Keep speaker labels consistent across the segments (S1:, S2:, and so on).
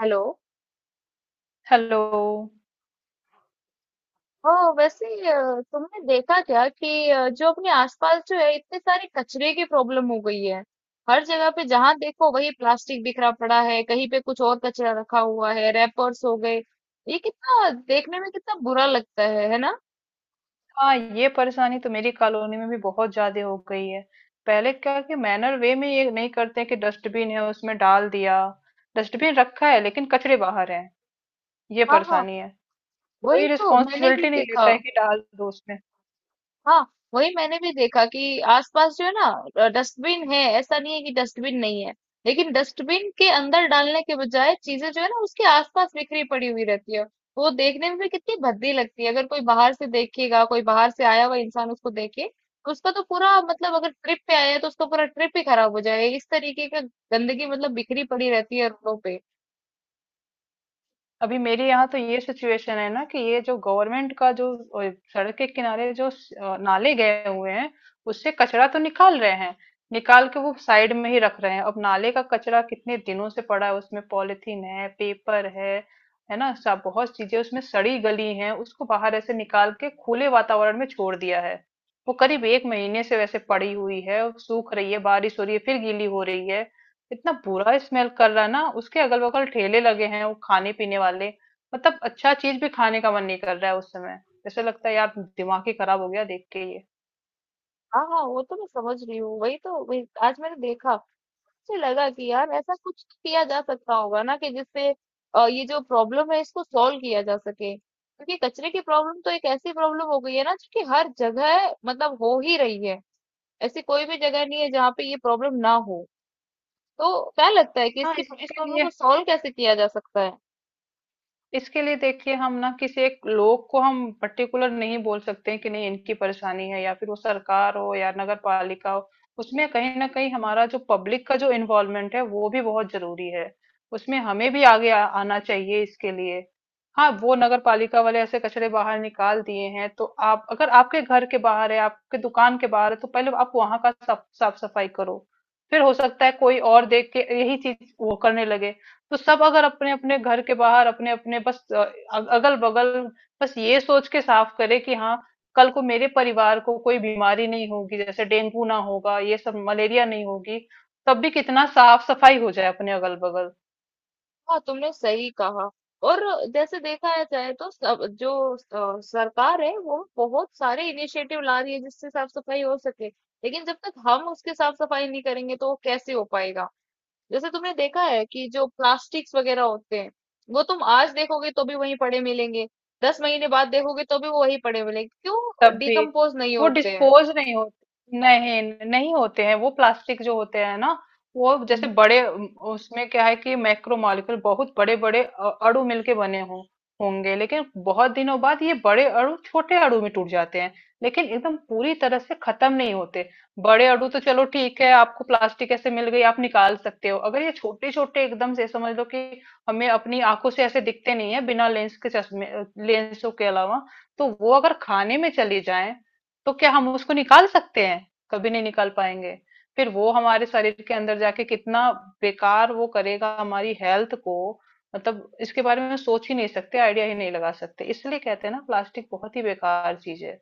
S1: Hello.
S2: Hello.
S1: Oh वैसे तुमने देखा क्या कि जो अपने आसपास जो है इतने सारे कचरे की प्रॉब्लम हो गई है। हर जगह पे जहां देखो वही प्लास्टिक बिखरा पड़ा है, कहीं पे कुछ और कचरा रखा हुआ है, रैपर्स हो गए। ये कितना देखने में कितना बुरा लगता है ना।
S2: हाँ, ये परेशानी तो मेरी कॉलोनी में भी बहुत ज्यादा हो गई है। पहले क्या कि मैनर वे में ये नहीं करते कि डस्टबिन है उसमें डाल दिया। डस्टबिन रखा है लेकिन कचरे बाहर है। ये
S1: हाँ हाँ,
S2: परेशानी है। कोई
S1: वही तो मैंने भी
S2: रिस्पॉन्सिबिलिटी नहीं
S1: देखा।
S2: लेता है कि डाल दो।
S1: हाँ, वही मैंने भी देखा कि आसपास जो है ना डस्टबिन है, ऐसा नहीं है कि डस्टबिन नहीं है। लेकिन डस्टबिन के अंदर डालने के बजाय चीजें जो है ना उसके आसपास बिखरी पड़ी हुई रहती है। वो देखने में भी कितनी भद्दी लगती है, अगर कोई बाहर से देखेगा, कोई बाहर से आया हुआ इंसान उसको देखे तो उसका तो पूरा मतलब अगर ट्रिप पे आया है तो उसका पूरा ट्रिप ही खराब हो जाएगा। इस तरीके का गंदगी मतलब बिखरी पड़ी रहती है रोडों पे।
S2: अभी मेरे यहाँ तो ये सिचुएशन है ना कि ये जो गवर्नमेंट का जो सड़क के किनारे जो नाले गए हुए हैं। उससे कचरा तो निकाल रहे हैं, निकाल के वो साइड में ही रख रहे हैं। अब नाले का कचरा कितने दिनों से पड़ा है, उसमें पॉलिथीन है, पेपर है ना, सब बहुत चीजें उसमें सड़ी गली हैं। उसको बाहर ऐसे निकाल के खुले वातावरण में छोड़ दिया है। वो करीब एक महीने से वैसे पड़ी हुई है, सूख रही है, बारिश हो रही है, फिर गीली हो रही है। इतना बुरा स्मेल कर रहा है ना। उसके अगल बगल ठेले लगे हैं वो खाने पीने वाले। मतलब अच्छा चीज भी खाने का मन नहीं कर रहा है उस समय। ऐसा लगता है यार, दिमाग ही खराब हो गया देख के ये।
S1: हाँ हाँ, वो तो मैं समझ रही हूँ, वही तो, वही आज मैंने देखा। मुझे लगा कि यार ऐसा कुछ किया जा सकता होगा ना कि जिससे ये जो प्रॉब्लम है इसको सॉल्व किया जा सके, क्योंकि कचरे की प्रॉब्लम तो एक ऐसी प्रॉब्लम हो गई है ना जो कि हर जगह मतलब हो ही रही है। ऐसी कोई भी जगह नहीं है जहाँ पे ये प्रॉब्लम ना हो। तो क्या लगता है कि
S2: हाँ,
S1: इसकी इस प्रॉब्लम को सॉल्व कैसे किया जा सकता है?
S2: इसके लिए देखिए, हम ना किसी एक लोग को हम पर्टिकुलर नहीं बोल सकते हैं कि नहीं इनकी परेशानी है, या फिर वो सरकार हो या नगर पालिका हो। उसमें कहीं ना कहीं हमारा जो पब्लिक का जो इन्वॉल्वमेंट है वो भी बहुत जरूरी है। उसमें हमें भी आगे आना चाहिए इसके लिए। हाँ, वो नगर पालिका वाले ऐसे कचरे बाहर निकाल दिए हैं तो आप अगर आपके घर के बाहर है, आपके दुकान के बाहर है, तो पहले आप वहां का साफ साफ सफाई करो। फिर हो सकता है कोई और देख के यही चीज वो करने लगे। तो सब अगर अपने अपने घर के बाहर अपने अपने बस अगल बगल बस ये सोच के साफ करे कि हाँ, कल को मेरे परिवार को कोई बीमारी नहीं होगी, जैसे डेंगू ना होगा, ये सब मलेरिया नहीं होगी। तब भी कितना साफ सफाई हो जाए अपने अगल बगल।
S1: हाँ, तुमने सही कहा। और जैसे देखा है जाए तो सब जो सरकार है वो बहुत सारे इनिशिएटिव ला रही है जिससे साफ सफाई हो सके, लेकिन जब तक हम उसके साफ सफाई नहीं करेंगे तो वो कैसे हो पाएगा। जैसे तुमने देखा है कि जो प्लास्टिक्स वगैरह होते हैं, वो तुम आज देखोगे तो भी वहीं पड़े मिलेंगे, 10 महीने बाद देखोगे तो भी वो वहीं पड़े मिलेंगे, क्यों?
S2: तब भी
S1: डिकम्पोज नहीं
S2: वो
S1: होते
S2: डिस्पोज नहीं होते, नहीं नहीं होते हैं। वो प्लास्टिक जो होते हैं ना, वो जैसे
S1: हैं।
S2: बड़े उसमें क्या है कि मैक्रो मॉलिक्यूल बहुत बड़े बड़े अणु मिलके बने हों होंगे, लेकिन बहुत दिनों बाद ये बड़े अणु छोटे अणु में टूट जाते हैं, लेकिन एकदम पूरी तरह से खत्म नहीं होते। बड़े अणु तो चलो ठीक है, आपको प्लास्टिक ऐसे मिल गई, आप निकाल सकते हो। अगर ये छोटे छोटे एकदम से समझ लो कि हमें अपनी आंखों से ऐसे दिखते नहीं है बिना लेंस के, चश्मे लेंसों के अलावा, तो वो अगर खाने में चली जाए तो क्या हम उसको निकाल सकते हैं? कभी नहीं निकाल पाएंगे। फिर वो हमारे शरीर के अंदर जाके कितना बेकार वो करेगा हमारी हेल्थ को। मतलब इसके बारे में सोच ही नहीं सकते, आइडिया ही नहीं लगा सकते। इसलिए कहते हैं ना, प्लास्टिक बहुत ही बेकार चीज है।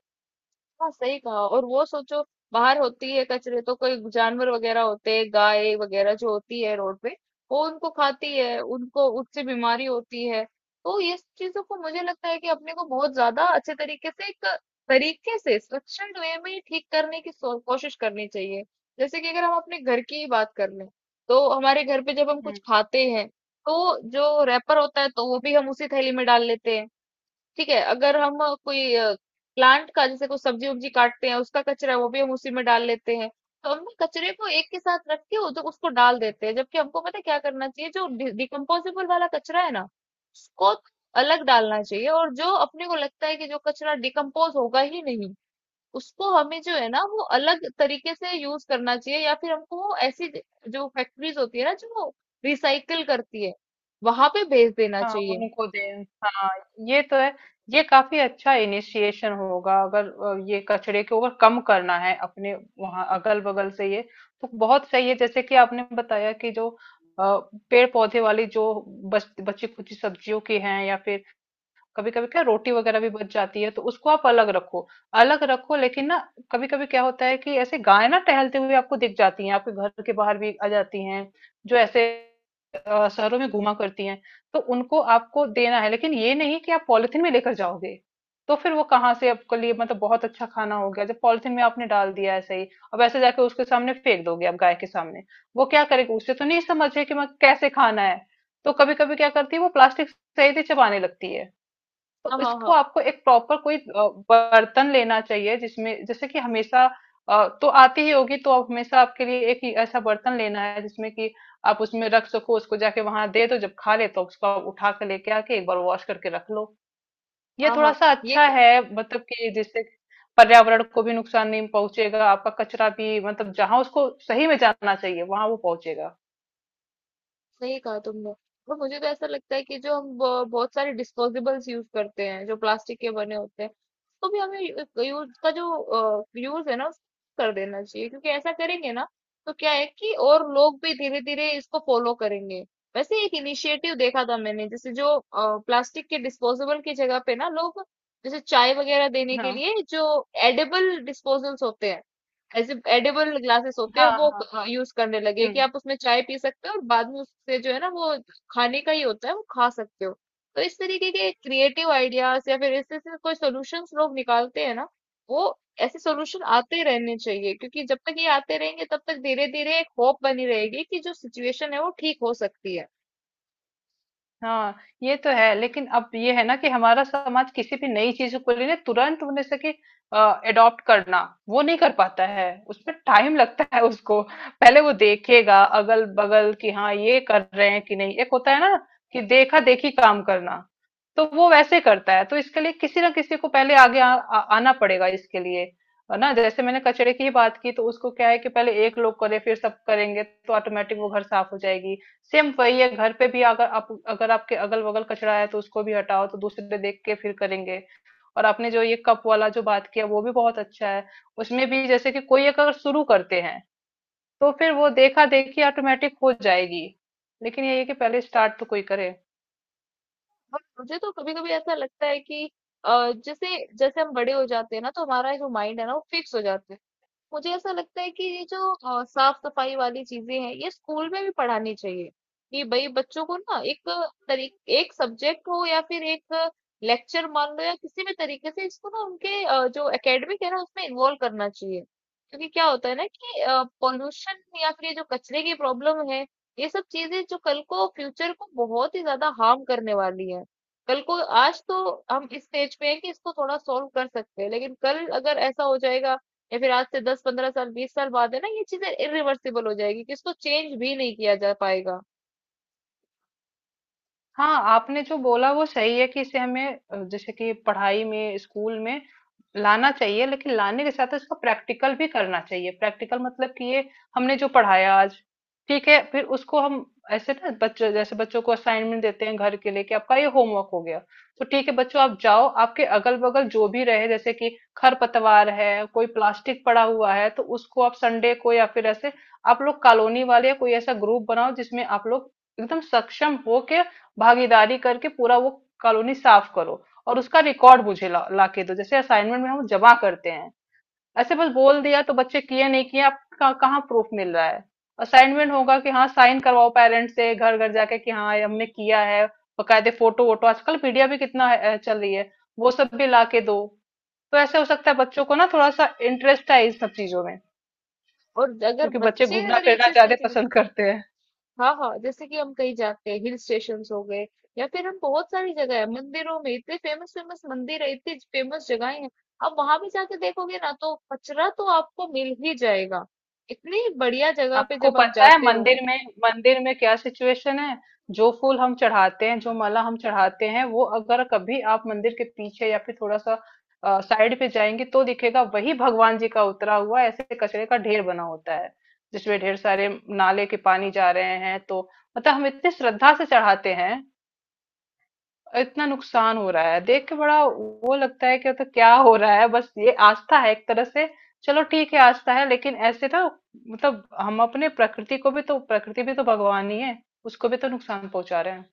S1: हाँ, सही कहा। और वो सोचो, बाहर होती है कचरे तो कोई जानवर वगैरह होते हैं, गाय वगैरह जो होती है रोड पे, वो उनको खाती है, उनको उससे बीमारी होती है। तो ये सब चीजों को मुझे लगता है कि अपने को बहुत ज्यादा अच्छे तरीके से एक तरीके से स्ट्रक्चर्ड वे में ठीक करने की कोशिश करनी चाहिए। जैसे कि अगर हम अपने घर की ही बात कर लें, तो हमारे घर पे जब हम कुछ खाते हैं तो जो रैपर होता है तो वो भी हम उसी थैली में डाल लेते हैं। ठीक है, अगर हम कोई प्लांट का जैसे कोई सब्जी उब्जी काटते हैं उसका कचरा है वो भी हम उसी में डाल लेते हैं। तो हम ना कचरे को एक के साथ रख के उधर उसको डाल देते हैं, जबकि हमको पता है क्या करना चाहिए। जो डिकम्पोजेबल वाला कचरा है ना उसको अलग डालना चाहिए, और जो अपने को लगता है कि जो कचरा डिकम्पोज होगा ही नहीं, उसको हमें जो है ना वो अलग तरीके से यूज करना चाहिए, या फिर हमको वो ऐसी जो फैक्ट्रीज होती है ना जो रिसाइकल करती है वहां पे भेज देना
S2: हाँ,
S1: चाहिए।
S2: उनको दें, हाँ। ये तो है। ये काफी अच्छा इनिशिएशन होगा अगर ये कचरे को अगर कम करना है अपने वहां अगल बगल से ये। तो बहुत सही है जैसे कि आपने बताया कि जो अ, पेड़ पौधे वाली जो बची खुची सब्जियों की हैं, या फिर कभी कभी क्या रोटी वगैरह भी बच जाती है, तो उसको आप अलग रखो। अलग रखो लेकिन ना कभी कभी क्या होता है कि ऐसे गाय ना टहलते हुए आपको दिख जाती हैं, आपके घर के बाहर भी आ जाती हैं, जो ऐसे शहरों में घुमा करती हैं। तो उनको आपको देना है, लेकिन ये नहीं कि आप पॉलिथीन में लेकर जाओगे। तो फिर वो कहाँ से आपके लिए मतलब बहुत अच्छा खाना हो गया जब पॉलिथीन में आपने डाल दिया ऐसे ही। अब ऐसे जाके उसके सामने फेंक दोगे आप गाय के सामने, वो क्या करेगी? उसे तो नहीं समझे कि मैं कैसे खाना है। तो कभी कभी क्या करती है, वो प्लास्टिक सही से चबाने लगती है। तो
S1: हाँ हाँ
S2: इसको
S1: हाँ,
S2: आपको एक प्रॉपर कोई बर्तन लेना चाहिए जिसमें जैसे कि हमेशा तो आती ही होगी, तो आप हमेशा आपके लिए एक ही ऐसा बर्तन लेना है जिसमें कि आप उसमें रख सको। उसको जाके वहां दे दो, जब खा ले तो उसको आप उठा के लेके आके एक बार वॉश करके रख लो। ये
S1: हाँ
S2: थोड़ा
S1: हाँ,
S2: सा
S1: ये
S2: अच्छा है। मतलब कि जिससे पर्यावरण को भी नुकसान नहीं पहुंचेगा, आपका कचरा भी मतलब जहां उसको सही में जाना चाहिए वहां वो पहुंचेगा।
S1: सही कहा तुमने। और मुझे तो ऐसा लगता है कि जो हम बहुत सारे डिस्पोजेबल्स यूज करते हैं जो प्लास्टिक के बने होते हैं, उसको भी हमें यूज का जो यूज है ना उसको कर देना चाहिए, क्योंकि ऐसा करेंगे ना तो क्या है कि और लोग भी धीरे धीरे इसको फॉलो करेंगे। वैसे एक इनिशिएटिव देखा था मैंने, जैसे जो प्लास्टिक के डिस्पोजेबल की जगह पे ना लोग, जैसे चाय वगैरह देने के
S2: हाँ
S1: लिए जो एडेबल डिस्पोजल्स होते हैं, ऐसे एडिबल ग्लासेस होते हैं,
S2: हाँ
S1: वो
S2: हाँ।
S1: यूज करने लगे कि
S2: हम्म।
S1: आप उसमें चाय पी सकते हो और बाद में उससे जो है ना वो खाने का ही होता है वो खा सकते हो। तो इस तरीके के क्रिएटिव आइडियाज या फिर इससे से कोई सोल्यूशंस लोग निकालते हैं ना, वो ऐसे सोल्यूशन आते रहने चाहिए, क्योंकि जब तक ये आते रहेंगे तब तक धीरे धीरे एक होप बनी रहेगी कि जो सिचुएशन है वो ठीक हो सकती है।
S2: हाँ, ये तो है, लेकिन अब ये है ना कि हमारा समाज किसी भी नई चीज को लेने, तुरंत उन्हें से कि अडॉप्ट करना वो नहीं कर पाता है, उसमें टाइम लगता है उसको। पहले वो देखेगा अगल बगल कि हाँ, ये कर रहे हैं कि नहीं। एक होता है ना कि देखा देखी काम करना, तो वो वैसे करता है। तो इसके लिए किसी ना किसी को पहले आगे आ, आ, आना पड़ेगा इसके लिए। है ना, जैसे मैंने कचरे की ही बात की, तो उसको क्या है कि पहले एक लोग करे फिर सब करेंगे, तो ऑटोमेटिक वो घर साफ हो जाएगी। सेम वही है घर पे भी, अगर आप अगर आपके अगल बगल कचरा है तो उसको भी हटाओ, तो दूसरे देख के फिर करेंगे। और आपने जो ये कप वाला जो बात किया वो भी बहुत अच्छा है। उसमें भी जैसे कि कोई एक अगर शुरू करते हैं, तो फिर वो देखा देखी ऑटोमेटिक हो जाएगी। लेकिन ये है कि पहले स्टार्ट तो कोई करे।
S1: और मुझे तो कभी कभी ऐसा लगता है कि जैसे जैसे हम बड़े हो जाते हैं ना तो हमारा जो माइंड है ना वो फिक्स हो जाता है। मुझे ऐसा लगता है कि ये जो साफ-सफाई वाली चीज़ें हैं, ये स्कूल में भी पढ़ानी चाहिए, कि भई बच्चों को ना एक तरी एक सब्जेक्ट हो या फिर एक लेक्चर मान लो, या किसी भी तरीके से इसको ना उनके जो एकेडमिक है ना उसमें इन्वॉल्व करना चाहिए। क्योंकि क्या होता है ना कि पॉल्यूशन या फिर ये जो कचरे की प्रॉब्लम है, ये सब चीज़ें जो कल को फ्यूचर को बहुत ही ज़्यादा हार्म करने वाली है। कल को, आज तो हम इस स्टेज पे हैं कि इसको थोड़ा सॉल्व कर सकते हैं, लेकिन कल अगर ऐसा हो जाएगा, या फिर आज से 10 15 साल 20 साल बाद, है ना, ये चीजें इरिवर्सिबल हो जाएगी कि इसको चेंज भी नहीं किया जा पाएगा।
S2: हाँ, आपने जो बोला वो सही है कि इसे हमें जैसे कि पढ़ाई में, स्कूल में लाना चाहिए, लेकिन लाने के साथ इसका प्रैक्टिकल भी करना चाहिए। प्रैक्टिकल मतलब कि ये हमने जो पढ़ाया आज, ठीक है, फिर उसको हम ऐसे ना बच्चों, जैसे बच्चों को असाइनमेंट देते हैं घर के लिए कि आपका ये होमवर्क हो गया, तो ठीक है बच्चों, आप जाओ, आपके अगल बगल जो भी रहे जैसे कि खरपतवार है, कोई प्लास्टिक पड़ा हुआ है, तो उसको आप संडे को या फिर ऐसे आप लोग कॉलोनी वाले या कोई ऐसा ग्रुप बनाओ जिसमें आप लोग एकदम सक्षम हो के भागीदारी करके पूरा वो कॉलोनी साफ करो, और उसका रिकॉर्ड मुझे ला के दो जैसे असाइनमेंट में हम जमा करते हैं। ऐसे बस बोल दिया तो बच्चे किए नहीं किए, आपका कहाँ प्रूफ मिल रहा है? असाइनमेंट होगा कि हाँ, साइन करवाओ पेरेंट्स से, घर घर जाके कि हाँ ये हमने किया है। बकायदे फोटो वोटो, आजकल पीडिया भी कितना चल रही है, वो सब भी ला के दो। तो ऐसे हो सकता है बच्चों को ना थोड़ा सा इंटरेस्ट है इन सब चीजों में,
S1: और अगर
S2: क्योंकि बच्चे
S1: बच्चे
S2: घूमना
S1: अगर ये
S2: फिरना
S1: चीज
S2: ज्यादा
S1: सीख ले।
S2: पसंद करते हैं।
S1: हाँ हाँ, जैसे कि हम कहीं जाते हैं, हिल स्टेशन हो गए, या फिर हम, बहुत सारी जगह है, मंदिरों में, इतने फेमस फेमस मंदिर है, इतनी फेमस जगहें हैं, अब वहां भी जाके देखोगे ना तो कचरा तो आपको मिल ही जाएगा, इतनी बढ़िया जगह पे
S2: आपको
S1: जब आप
S2: पता है
S1: जाते हो।
S2: मंदिर में, मंदिर में क्या सिचुएशन है? जो फूल हम चढ़ाते हैं, जो माला हम चढ़ाते हैं, वो अगर कभी आप मंदिर के पीछे या फिर थोड़ा सा साइड पे जाएंगे तो दिखेगा, वही भगवान जी का उतरा हुआ ऐसे कचरे का ढेर बना होता है जिसमें ढेर सारे नाले के पानी जा रहे हैं तो। मतलब हम इतनी श्रद्धा से चढ़ाते हैं, और इतना नुकसान हो रहा है देख के, बड़ा वो लगता है कि तो क्या हो रहा है, बस ये आस्था है एक तरह से। चलो ठीक है आस्था है, लेकिन ऐसे ना, मतलब हम अपने प्रकृति को भी तो, प्रकृति भी तो भगवान ही है, उसको भी तो नुकसान पहुंचा रहे हैं।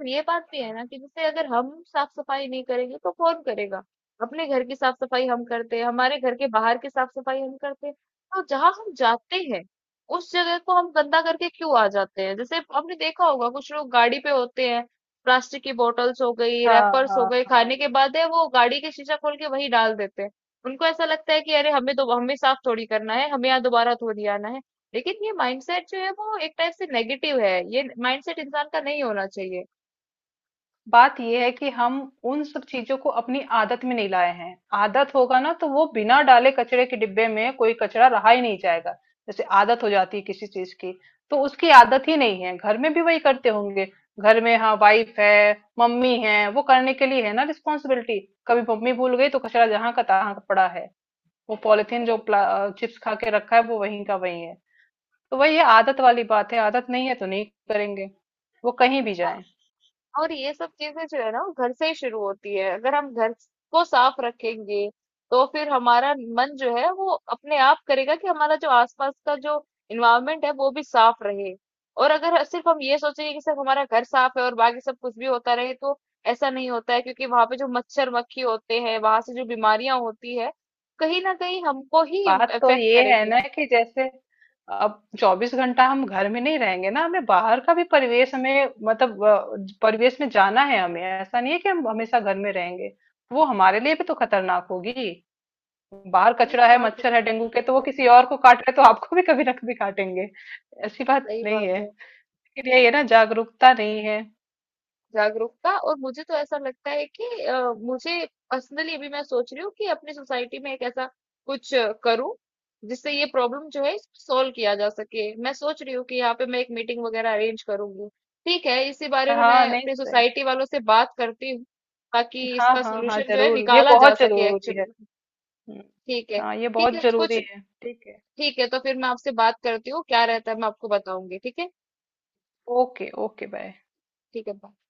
S1: और ये बात भी है ना कि जैसे अगर हम साफ-सफाई नहीं करेंगे तो कौन करेगा? अपने घर की साफ-सफाई हम करते हैं, हमारे घर के बाहर की साफ-सफाई हम करते हैं। तो जहाँ हम जाते हैं, उस जगह को हम गंदा करके क्यों आ जाते हैं? जैसे आपने देखा होगा कुछ लोग गाड़ी पे होते हैं, प्लास्टिक की बॉटल्स हो गई,
S2: हाँ
S1: रैपर्स हो
S2: हाँ
S1: गए,
S2: हाँ।
S1: खाने के बाद है वो गाड़ी के शीशा खोल के वहीं डाल देते हैं। उनको ऐसा लगता है कि अरे हमें दो, हमें साफ थोड़ी करना है, हमें यहाँ दोबारा थोड़ी आना है। लेकिन ये माइंडसेट जो है वो एक टाइप से नेगेटिव है, ये माइंडसेट इंसान का नहीं होना चाहिए।
S2: बात यह है कि हम उन सब चीजों को अपनी आदत में नहीं लाए हैं। आदत होगा ना तो वो बिना डाले कचरे के डिब्बे में कोई कचरा रहा ही नहीं जाएगा। जैसे आदत हो जाती है किसी चीज की, तो उसकी आदत ही नहीं है, घर में भी वही करते होंगे। घर में हाँ, वाइफ है, मम्मी है, वो करने के लिए है ना, रिस्पॉन्सिबिलिटी। कभी मम्मी भूल गई तो कचरा जहां का तहां पड़ा है। वो पॉलिथीन जो
S1: ये बस-
S2: चिप्स खा के रखा है वो वहीं का वहीं है। तो वही ये आदत वाली बात है, आदत नहीं है तो नहीं करेंगे, वो कहीं भी जाए।
S1: और ये सब चीजें जो है ना वो घर से ही शुरू होती है। अगर हम घर को साफ रखेंगे तो फिर हमारा मन जो है वो अपने आप करेगा कि हमारा जो आसपास का जो इन्वायरमेंट है वो भी साफ रहे। और अगर सिर्फ हम ये सोचेंगे कि सिर्फ हमारा घर साफ है और बाकी सब कुछ भी होता रहे तो ऐसा नहीं होता है, क्योंकि वहां पे जो मच्छर मक्खी होते हैं वहां से जो बीमारियां होती है कहीं ना कहीं हमको ही
S2: बात तो
S1: इफेक्ट
S2: ये है
S1: करेगी।
S2: ना कि जैसे अब चौबीस घंटा हम घर में नहीं रहेंगे ना, हमें बाहर का भी परिवेश, हमें मतलब परिवेश में जाना है। हमें ऐसा नहीं है कि हम हमेशा घर में रहेंगे। वो हमारे लिए भी तो खतरनाक होगी। बाहर
S1: वही
S2: कचरा
S1: तो
S2: है,
S1: बात है।
S2: मच्छर है, डेंगू के तो वो किसी और को काट रहे तो आपको भी कभी ना कभी काटेंगे। ऐसी बात
S1: सही
S2: नहीं
S1: बात
S2: है,
S1: है।
S2: लेकिन ये
S1: हाँ,
S2: ना जागरूकता नहीं है।
S1: जागरूकता। और मुझे तो ऐसा लगता है कि मुझे पर्सनली अभी मैं सोच रही हूँ कि अपनी सोसाइटी में एक ऐसा कुछ करूं जिससे ये प्रॉब्लम जो है सॉल्व किया जा सके। मैं सोच रही हूँ कि यहाँ पे मैं एक मीटिंग वगैरह अरेंज करूंगी। ठीक है, इसी बारे में
S2: हाँ,
S1: मैं
S2: नहीं,
S1: अपनी
S2: सही।
S1: सोसाइटी वालों से बात करती हूँ ताकि
S2: हाँ
S1: इसका
S2: हाँ हाँ,
S1: सोल्यूशन जो है
S2: जरूर, ये
S1: निकाला जा
S2: बहुत
S1: सके
S2: जरूरी है।
S1: एक्चुअली।
S2: हम्म,
S1: ठीक है।
S2: हाँ, ये
S1: ठीक
S2: बहुत
S1: है कुछ।
S2: जरूरी है। ठीक है।
S1: ठीक है, तो फिर मैं आपसे बात करती हूँ, क्या रहता है मैं आपको बताऊंगी, ठीक है।
S2: Okay okay, bye.
S1: ठीक है bye।